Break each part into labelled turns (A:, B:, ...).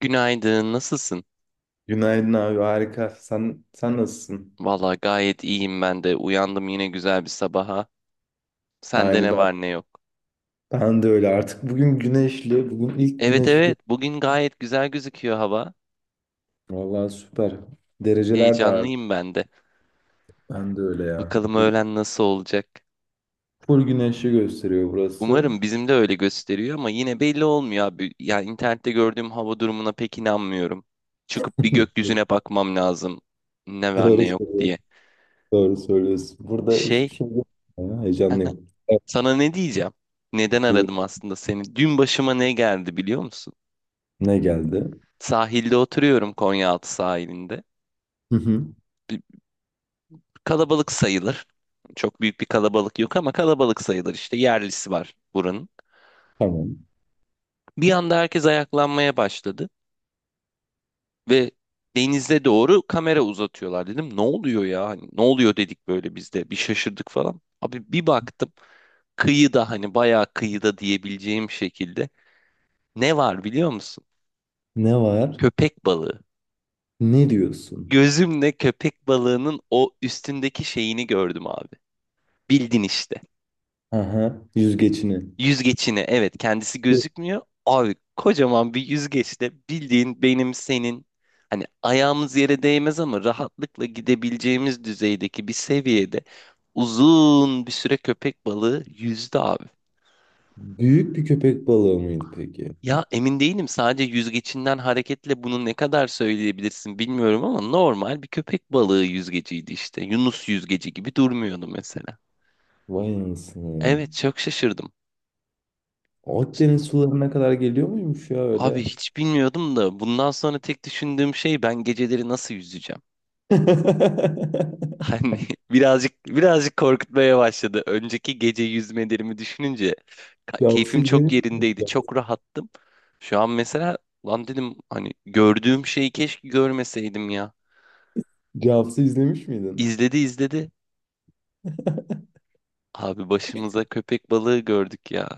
A: Günaydın, nasılsın?
B: Günaydın abi, harika. Sen nasılsın?
A: Valla gayet iyiyim ben de. Uyandım yine güzel bir sabaha. Sende
B: Aynı
A: ne
B: ben.
A: var ne yok.
B: Ben de öyle artık. Bugün güneşli. Bugün ilk
A: Evet
B: güneşi gördüm.
A: evet, bugün gayet güzel gözüküyor hava.
B: Vallahi süper. Dereceler de arttı.
A: Heyecanlıyım ben de.
B: Ben de öyle ya.
A: Bakalım
B: Bu
A: öğlen nasıl olacak.
B: full güneşi gösteriyor burası.
A: Umarım bizim de öyle gösteriyor ama yine belli olmuyor abi. Ya internette gördüğüm hava durumuna pek inanmıyorum. Çıkıp bir gökyüzüne bakmam lazım. Ne var ne
B: Doğru
A: yok
B: söylüyorsun.
A: diye.
B: Doğru söylüyorsun. Burada hiçbir
A: Şey,
B: şey yok. Ya, heyecanlıyım. Evet,
A: sana ne diyeceğim? Neden
B: buyur.
A: aradım aslında seni? Dün başıma ne geldi biliyor musun?
B: Ne geldi?
A: Sahilde oturuyorum Konyaaltı sahilinde.
B: Hı hı.
A: Bir- Kalabalık sayılır. Çok büyük bir kalabalık yok ama kalabalık sayılır işte yerlisi var buranın.
B: Tamam.
A: Bir anda herkes ayaklanmaya başladı ve denize doğru kamera uzatıyorlar dedim. Ne oluyor ya? Hani ne oluyor dedik böyle biz de bir şaşırdık falan. Abi bir baktım kıyıda hani bayağı kıyıda diyebileceğim şekilde ne var biliyor musun?
B: Ne var?
A: Köpek balığı.
B: Ne diyorsun?
A: Gözümle köpek balığının o üstündeki şeyini gördüm abi. Bildin işte.
B: Aha, yüzgeçini.
A: Yüzgeçini evet kendisi gözükmüyor. Abi kocaman bir yüzgeçle bildiğin benim senin hani ayağımız yere değmez ama rahatlıkla gidebileceğimiz düzeydeki bir seviyede uzun bir süre köpek balığı yüzdü abi.
B: Büyük bir köpek balığı mıydı peki?
A: Ya emin değilim sadece yüzgecinden hareketle bunu ne kadar söyleyebilirsin bilmiyorum ama normal bir köpek balığı yüzgeciydi işte. Yunus yüzgeci gibi durmuyordu mesela.
B: Vay anasını.
A: Evet çok şaşırdım.
B: Akdeniz sularına kadar geliyor muymuş ya
A: Abi
B: öyle?
A: hiç bilmiyordum da bundan sonra tek düşündüğüm şey ben geceleri nasıl yüzeceğim? Hani birazcık birazcık korkutmaya başladı. Önceki gece yüzmelerimi düşününce
B: Cavs'ı
A: keyfim çok
B: izlemiş miydin?
A: yerindeydi. Çok rahattım. Şu an mesela lan dedim hani gördüğüm şeyi keşke görmeseydim ya.
B: Cavs'ı izlemiş miydin?
A: İzledi izledi. Abi başımıza köpek balığı gördük ya.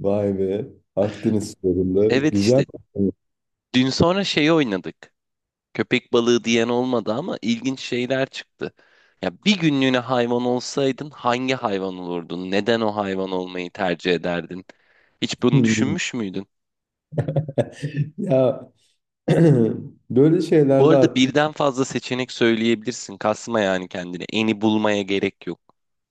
B: Vay be. Akdeniz sularında.
A: Evet
B: Güzel.
A: işte dün sonra şeyi oynadık. Köpek balığı diyen olmadı ama ilginç şeyler çıktı. Ya bir günlüğüne hayvan olsaydın hangi hayvan olurdun? Neden o hayvan olmayı tercih ederdin? Hiç bunu düşünmüş müydün?
B: Ya, böyle
A: Bu
B: şeylerde
A: arada
B: aklım
A: birden fazla seçenek söyleyebilirsin. Kasma yani kendini. Eni bulmaya gerek yok.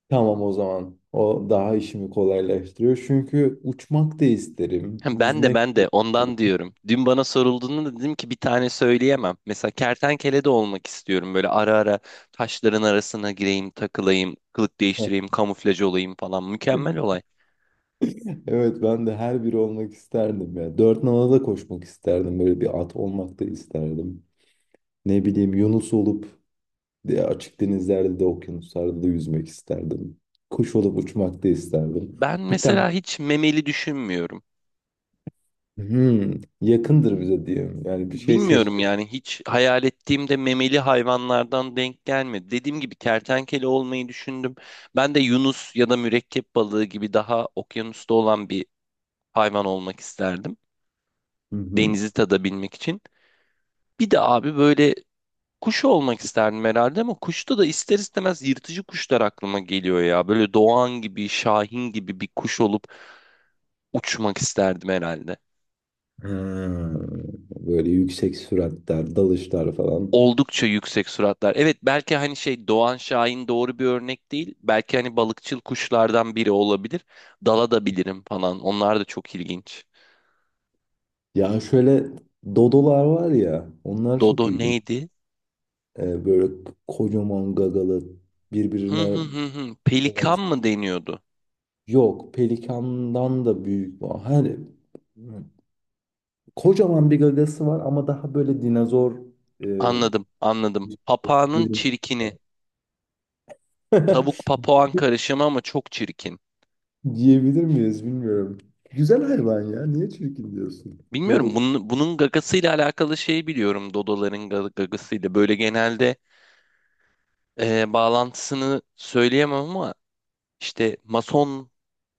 B: tamam o zaman. O daha işimi kolaylaştırıyor. Çünkü uçmak da isterim.
A: Hem Ben de
B: Yüzmek
A: ben de ondan
B: isterim.
A: diyorum. Dün bana sorulduğunda da dedim ki bir tane söyleyemem. Mesela kertenkele de olmak istiyorum. Böyle ara ara taşların arasına gireyim, takılayım, kılık değiştireyim, kamuflaj olayım falan. Mükemmel olay.
B: Evet, ben de her biri olmak isterdim ya. Dört nala da koşmak isterdim. Böyle bir at olmak da isterdim. Ne bileyim, Yunus olup diye açık denizlerde de okyanuslarda da yüzmek isterdim. Kuş olup uçmak da isterdim.
A: Ben
B: Cidden
A: mesela hiç memeli düşünmüyorum.
B: hmm, yakındır bize diyeyim. Yani bir şey
A: Bilmiyorum
B: seçtim.
A: yani hiç hayal ettiğimde memeli hayvanlardan denk gelmedi. Dediğim gibi kertenkele olmayı düşündüm. Ben de yunus ya da mürekkep balığı gibi daha okyanusta olan bir hayvan olmak isterdim.
B: Hı hı.
A: Denizi tadabilmek için. Bir de abi böyle kuş olmak isterdim herhalde ama kuşta da ister istemez yırtıcı kuşlar aklıma geliyor ya. Böyle doğan gibi, şahin gibi bir kuş olup uçmak isterdim herhalde.
B: Ha, böyle yüksek süratler, dalışlar falan.
A: Oldukça yüksek suratlar. Evet belki hani şey Doğan Şahin doğru bir örnek değil. Belki hani balıkçıl kuşlardan biri olabilir. Dala da bilirim falan. Onlar da çok ilginç.
B: Ya şöyle, dodolar var ya, onlar çok
A: Dodo
B: ilginç.
A: neydi?
B: Böyle kocaman gagalı,
A: Hı hı
B: birbirine
A: hı hı. Pelikan
B: evet,
A: mı deniyordu?
B: yok pelikandan da büyük. Hani kocaman bir gagası var ama daha böyle dinozor. e,
A: Anladım, anladım. Papağanın
B: Görün-
A: çirkini. Tavuk papağan karışımı ama çok çirkin.
B: Diyebilir miyiz bilmiyorum. Güzel hayvan ya. Niye çirkin diyorsun?
A: Bilmiyorum
B: Dodok.
A: bunun gagasıyla alakalı şey biliyorum. Dodoların gagasıyla. Böyle genelde bağlantısını söyleyemem ama işte mason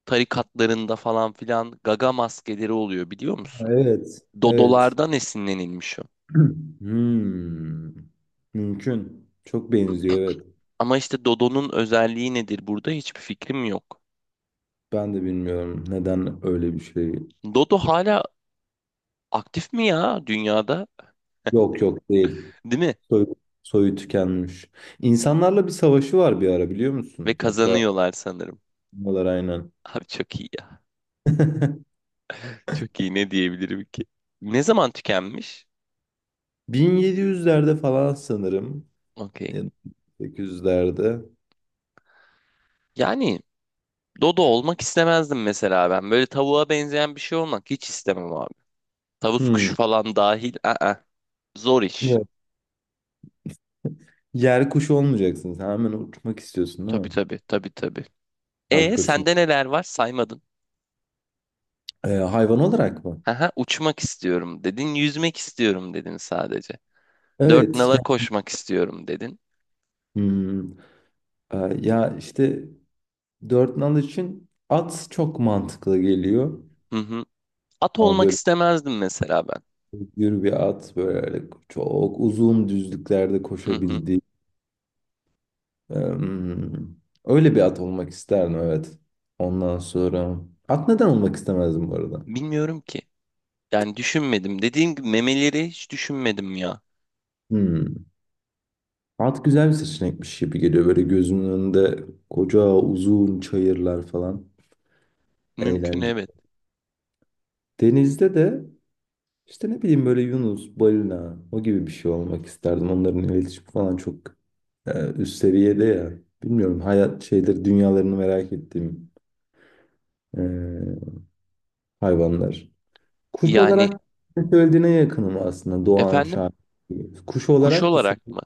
A: tarikatlarında falan filan gaga maskeleri oluyor biliyor
B: Ha,
A: musun?
B: evet. Evet.
A: Dodolardan esinlenilmiş o.
B: Hmm. Mümkün. Çok benziyor, evet.
A: Ama işte Dodo'nun özelliği nedir burada hiçbir fikrim yok.
B: Ben de bilmiyorum neden öyle bir şey.
A: Dodo hala aktif mi ya dünyada?
B: Yok yok, değil.
A: Değil mi?
B: Soy, soyu tükenmiş. İnsanlarla bir savaşı var bir ara, biliyor
A: Ve
B: musun? Hatta
A: kazanıyorlar sanırım.
B: bunlar, aynen.
A: Abi çok iyi ya. Çok iyi ne diyebilirim ki? Ne zaman tükenmiş?
B: 1700'lerde falan sanırım.
A: Okey.
B: Ya da 1800'lerde.
A: Yani Dodo olmak istemezdim mesela ben. Böyle tavuğa benzeyen bir şey olmak hiç istemem abi. Tavus kuşu
B: Hmm.
A: falan dahil. Aa, zor iş.
B: Yok. Yer kuşu olmayacaksın. Sen hemen uçmak istiyorsun, değil
A: Tabii
B: mi?
A: tabii tabii tabii. E
B: Haklısın.
A: sende neler var? Saymadın.
B: Hayvan olarak mı?
A: Haha, uçmak istiyorum dedin. Yüzmek istiyorum dedin sadece. Dört
B: Evet.
A: nala
B: Ya,
A: koşmak istiyorum dedin.
B: hmm, ya işte dört nal için at çok mantıklı geliyor.
A: Hı hı. At
B: Ama
A: olmak
B: böyle
A: istemezdim mesela ben.
B: yürü, bir at böyle çok uzun düzlüklerde
A: Hı hı.
B: koşabildiği. Ee, hmm, Öyle bir at olmak isterdim, evet. Ondan sonra, at neden olmak istemezdim bu arada?
A: Bilmiyorum ki. Yani düşünmedim. Dediğim gibi memeleri hiç düşünmedim ya.
B: Hmm. At güzel bir seçenekmiş gibi geliyor. Böyle gözümün önünde koca uzun çayırlar falan.
A: Mümkün
B: Eğlence.
A: evet.
B: Denizde de işte, ne bileyim, böyle Yunus, balina o gibi bir şey olmak isterdim. Onların iletişim falan çok üst seviyede ya. Bilmiyorum, hayat şeyleri dünyalarını merak ettiğim e, hayvanlar. Kuş
A: Yani
B: olarak söylediğine yakınım aslında, Doğan
A: efendim
B: Şahin gibi. Kuş
A: kuş
B: olarak da
A: olarak
B: senin,
A: mı?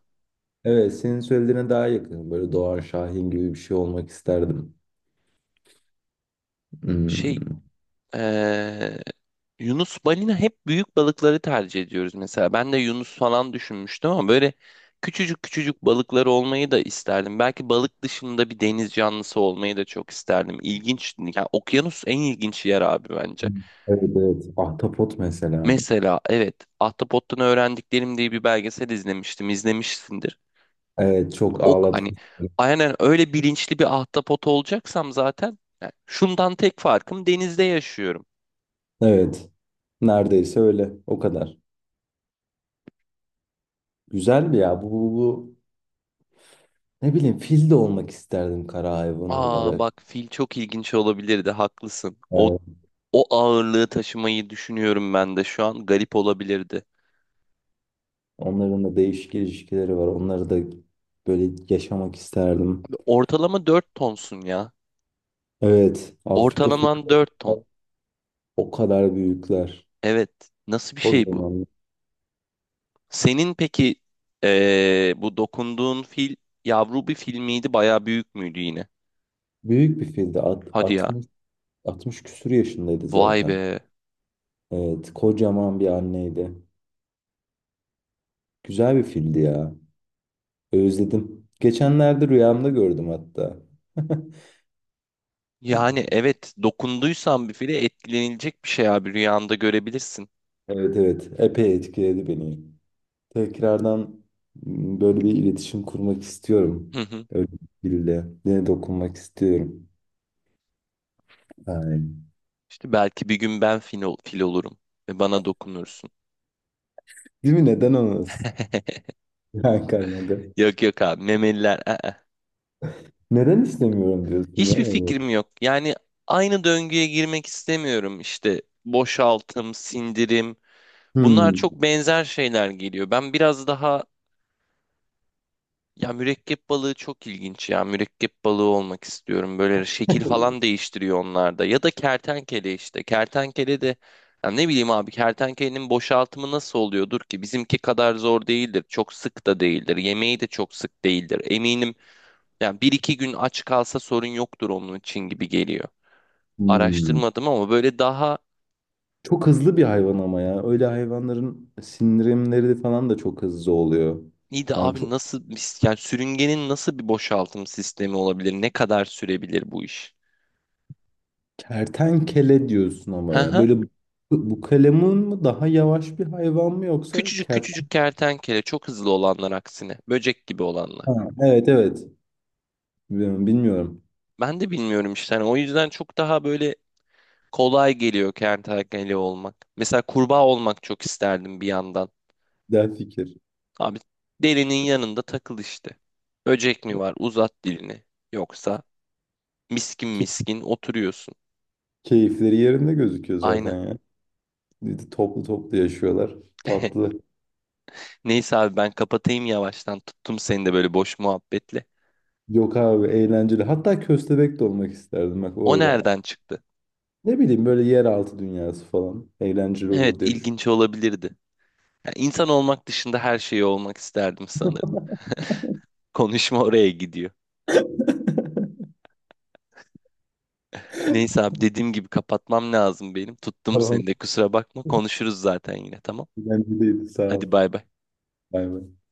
B: evet, senin söylediğine daha yakınım. Böyle Doğan Şahin gibi bir şey olmak isterdim.
A: Şey
B: Hmm.
A: eee, Yunus balina hep büyük balıkları tercih ediyoruz mesela. Ben de Yunus falan düşünmüştüm ama böyle küçücük küçücük balıkları olmayı da isterdim. Belki balık dışında bir deniz canlısı olmayı da çok isterdim. İlginç. Yani okyanus en ilginç yer abi bence.
B: Evet evet. Ahtapot mesela.
A: Mesela evet Ahtapot'tan Öğrendiklerim diye bir belgesel izlemiştim. İzlemişsindir.
B: Evet, çok
A: Ok hani
B: ağlatmış.
A: aynen öyle bilinçli bir ahtapot olacaksam zaten yani şundan tek farkım denizde yaşıyorum.
B: Evet. Neredeyse öyle. O kadar. Güzel bir ya. Ne bileyim, fil de olmak isterdim kara hayvanı
A: Aa
B: olarak.
A: bak fil çok ilginç olabilirdi haklısın. O
B: Evet.
A: O ağırlığı taşımayı düşünüyorum ben de şu an. Garip olabilirdi.
B: Onların da değişik ilişkileri var. Onları da böyle yaşamak isterdim.
A: Ortalama 4 tonsun ya.
B: Evet. Afrika fili
A: Ortalaman 4 ton.
B: o kadar büyükler.
A: Evet. Nasıl bir şey bu?
B: Kocaman.
A: Senin peki bu dokunduğun fil yavru bir fil miydi? Bayağı büyük müydü yine?
B: Büyük bir fildi. At-
A: Hadi ya.
B: 60, 60 küsur yaşındaydı
A: Vay
B: zaten.
A: be.
B: Evet. Kocaman bir anneydi. Güzel bir fildi ya. Özledim. Geçenlerde rüyamda gördüm hatta.
A: Yani evet dokunduysan bir file etkilenilecek bir şey abi rüyanda görebilirsin.
B: Evet evet. Epey etkiledi beni. Tekrardan, böyle bir iletişim kurmak istiyorum.
A: Hı hı.
B: Öyle biriyle. Yine dokunmak istiyorum. Yani.
A: İşte belki bir gün ben fil olurum ve bana dokunursun.
B: Değil mi? Neden olmaz? Hakan neden?
A: Yok yok abi memeliler. Aa.
B: Neden istemiyorum diyorsun ya?
A: Hiçbir fikrim yok. Yani aynı döngüye girmek istemiyorum. İşte boşaltım, sindirim. Bunlar
B: Hmm.
A: çok benzer şeyler geliyor. Ben biraz daha ya mürekkep balığı çok ilginç ya. Mürekkep balığı olmak istiyorum. Böyle şekil falan değiştiriyor onlarda. Ya da kertenkele işte. Kertenkele de ya ne bileyim abi kertenkelenin boşaltımı nasıl oluyordur ki? Bizimki kadar zor değildir. Çok sık da değildir. Yemeği de çok sık değildir. Eminim yani bir iki gün aç kalsa sorun yoktur onun için gibi geliyor.
B: Hmm.
A: Araştırmadım ama böyle daha
B: Çok hızlı bir hayvan ama ya. Öyle hayvanların sindirimleri de falan da çok hızlı oluyor.
A: iyi de
B: Yani
A: abi
B: çok,
A: nasıl yani sürüngenin nasıl bir boşaltım sistemi olabilir? Ne kadar sürebilir bu iş?
B: kertenkele diyorsun
A: Hı
B: ama ya.
A: hı.
B: Böyle bu kalemun mu daha yavaş bir hayvan mı yoksa
A: Küçücük
B: kertenkele?
A: küçücük kertenkele çok hızlı olanlar aksine böcek gibi olanlar.
B: Evet evet. Bilmiyorum, bilmiyorum.
A: Ben de bilmiyorum işte hani o yüzden çok daha böyle kolay geliyor kertenkele olmak. Mesela kurbağa olmak çok isterdim bir yandan.
B: Güzel fikir.
A: Abi derinin yanında takıl işte. Böcek mi var? Uzat dilini. Yoksa miskin
B: Ki-
A: miskin oturuyorsun.
B: Keyifleri yerinde gözüküyor
A: Aynen.
B: zaten ya. Bir de toplu toplu yaşıyorlar. Tatlı.
A: Neyse abi ben kapatayım yavaştan. Tuttum seni de böyle boş muhabbetle.
B: Yok abi, eğlenceli. Hatta köstebek de olmak isterdim bak
A: O
B: orada.
A: nereden çıktı?
B: Ne bileyim, böyle yeraltı dünyası falan. Eğlenceli
A: Evet
B: olur diye düşünüyorum.
A: ilginç olabilirdi. Yani insan olmak dışında her şeyi olmak isterdim sanırım. Konuşma oraya gidiyor. Neyse abi dediğim gibi kapatmam lazım benim. Tuttum
B: Tamam.
A: seni de kusura bakma. Konuşuruz zaten yine tamam.
B: Eğlenceliydi, sağ
A: Hadi
B: ol.
A: bay bay.
B: Bay bay.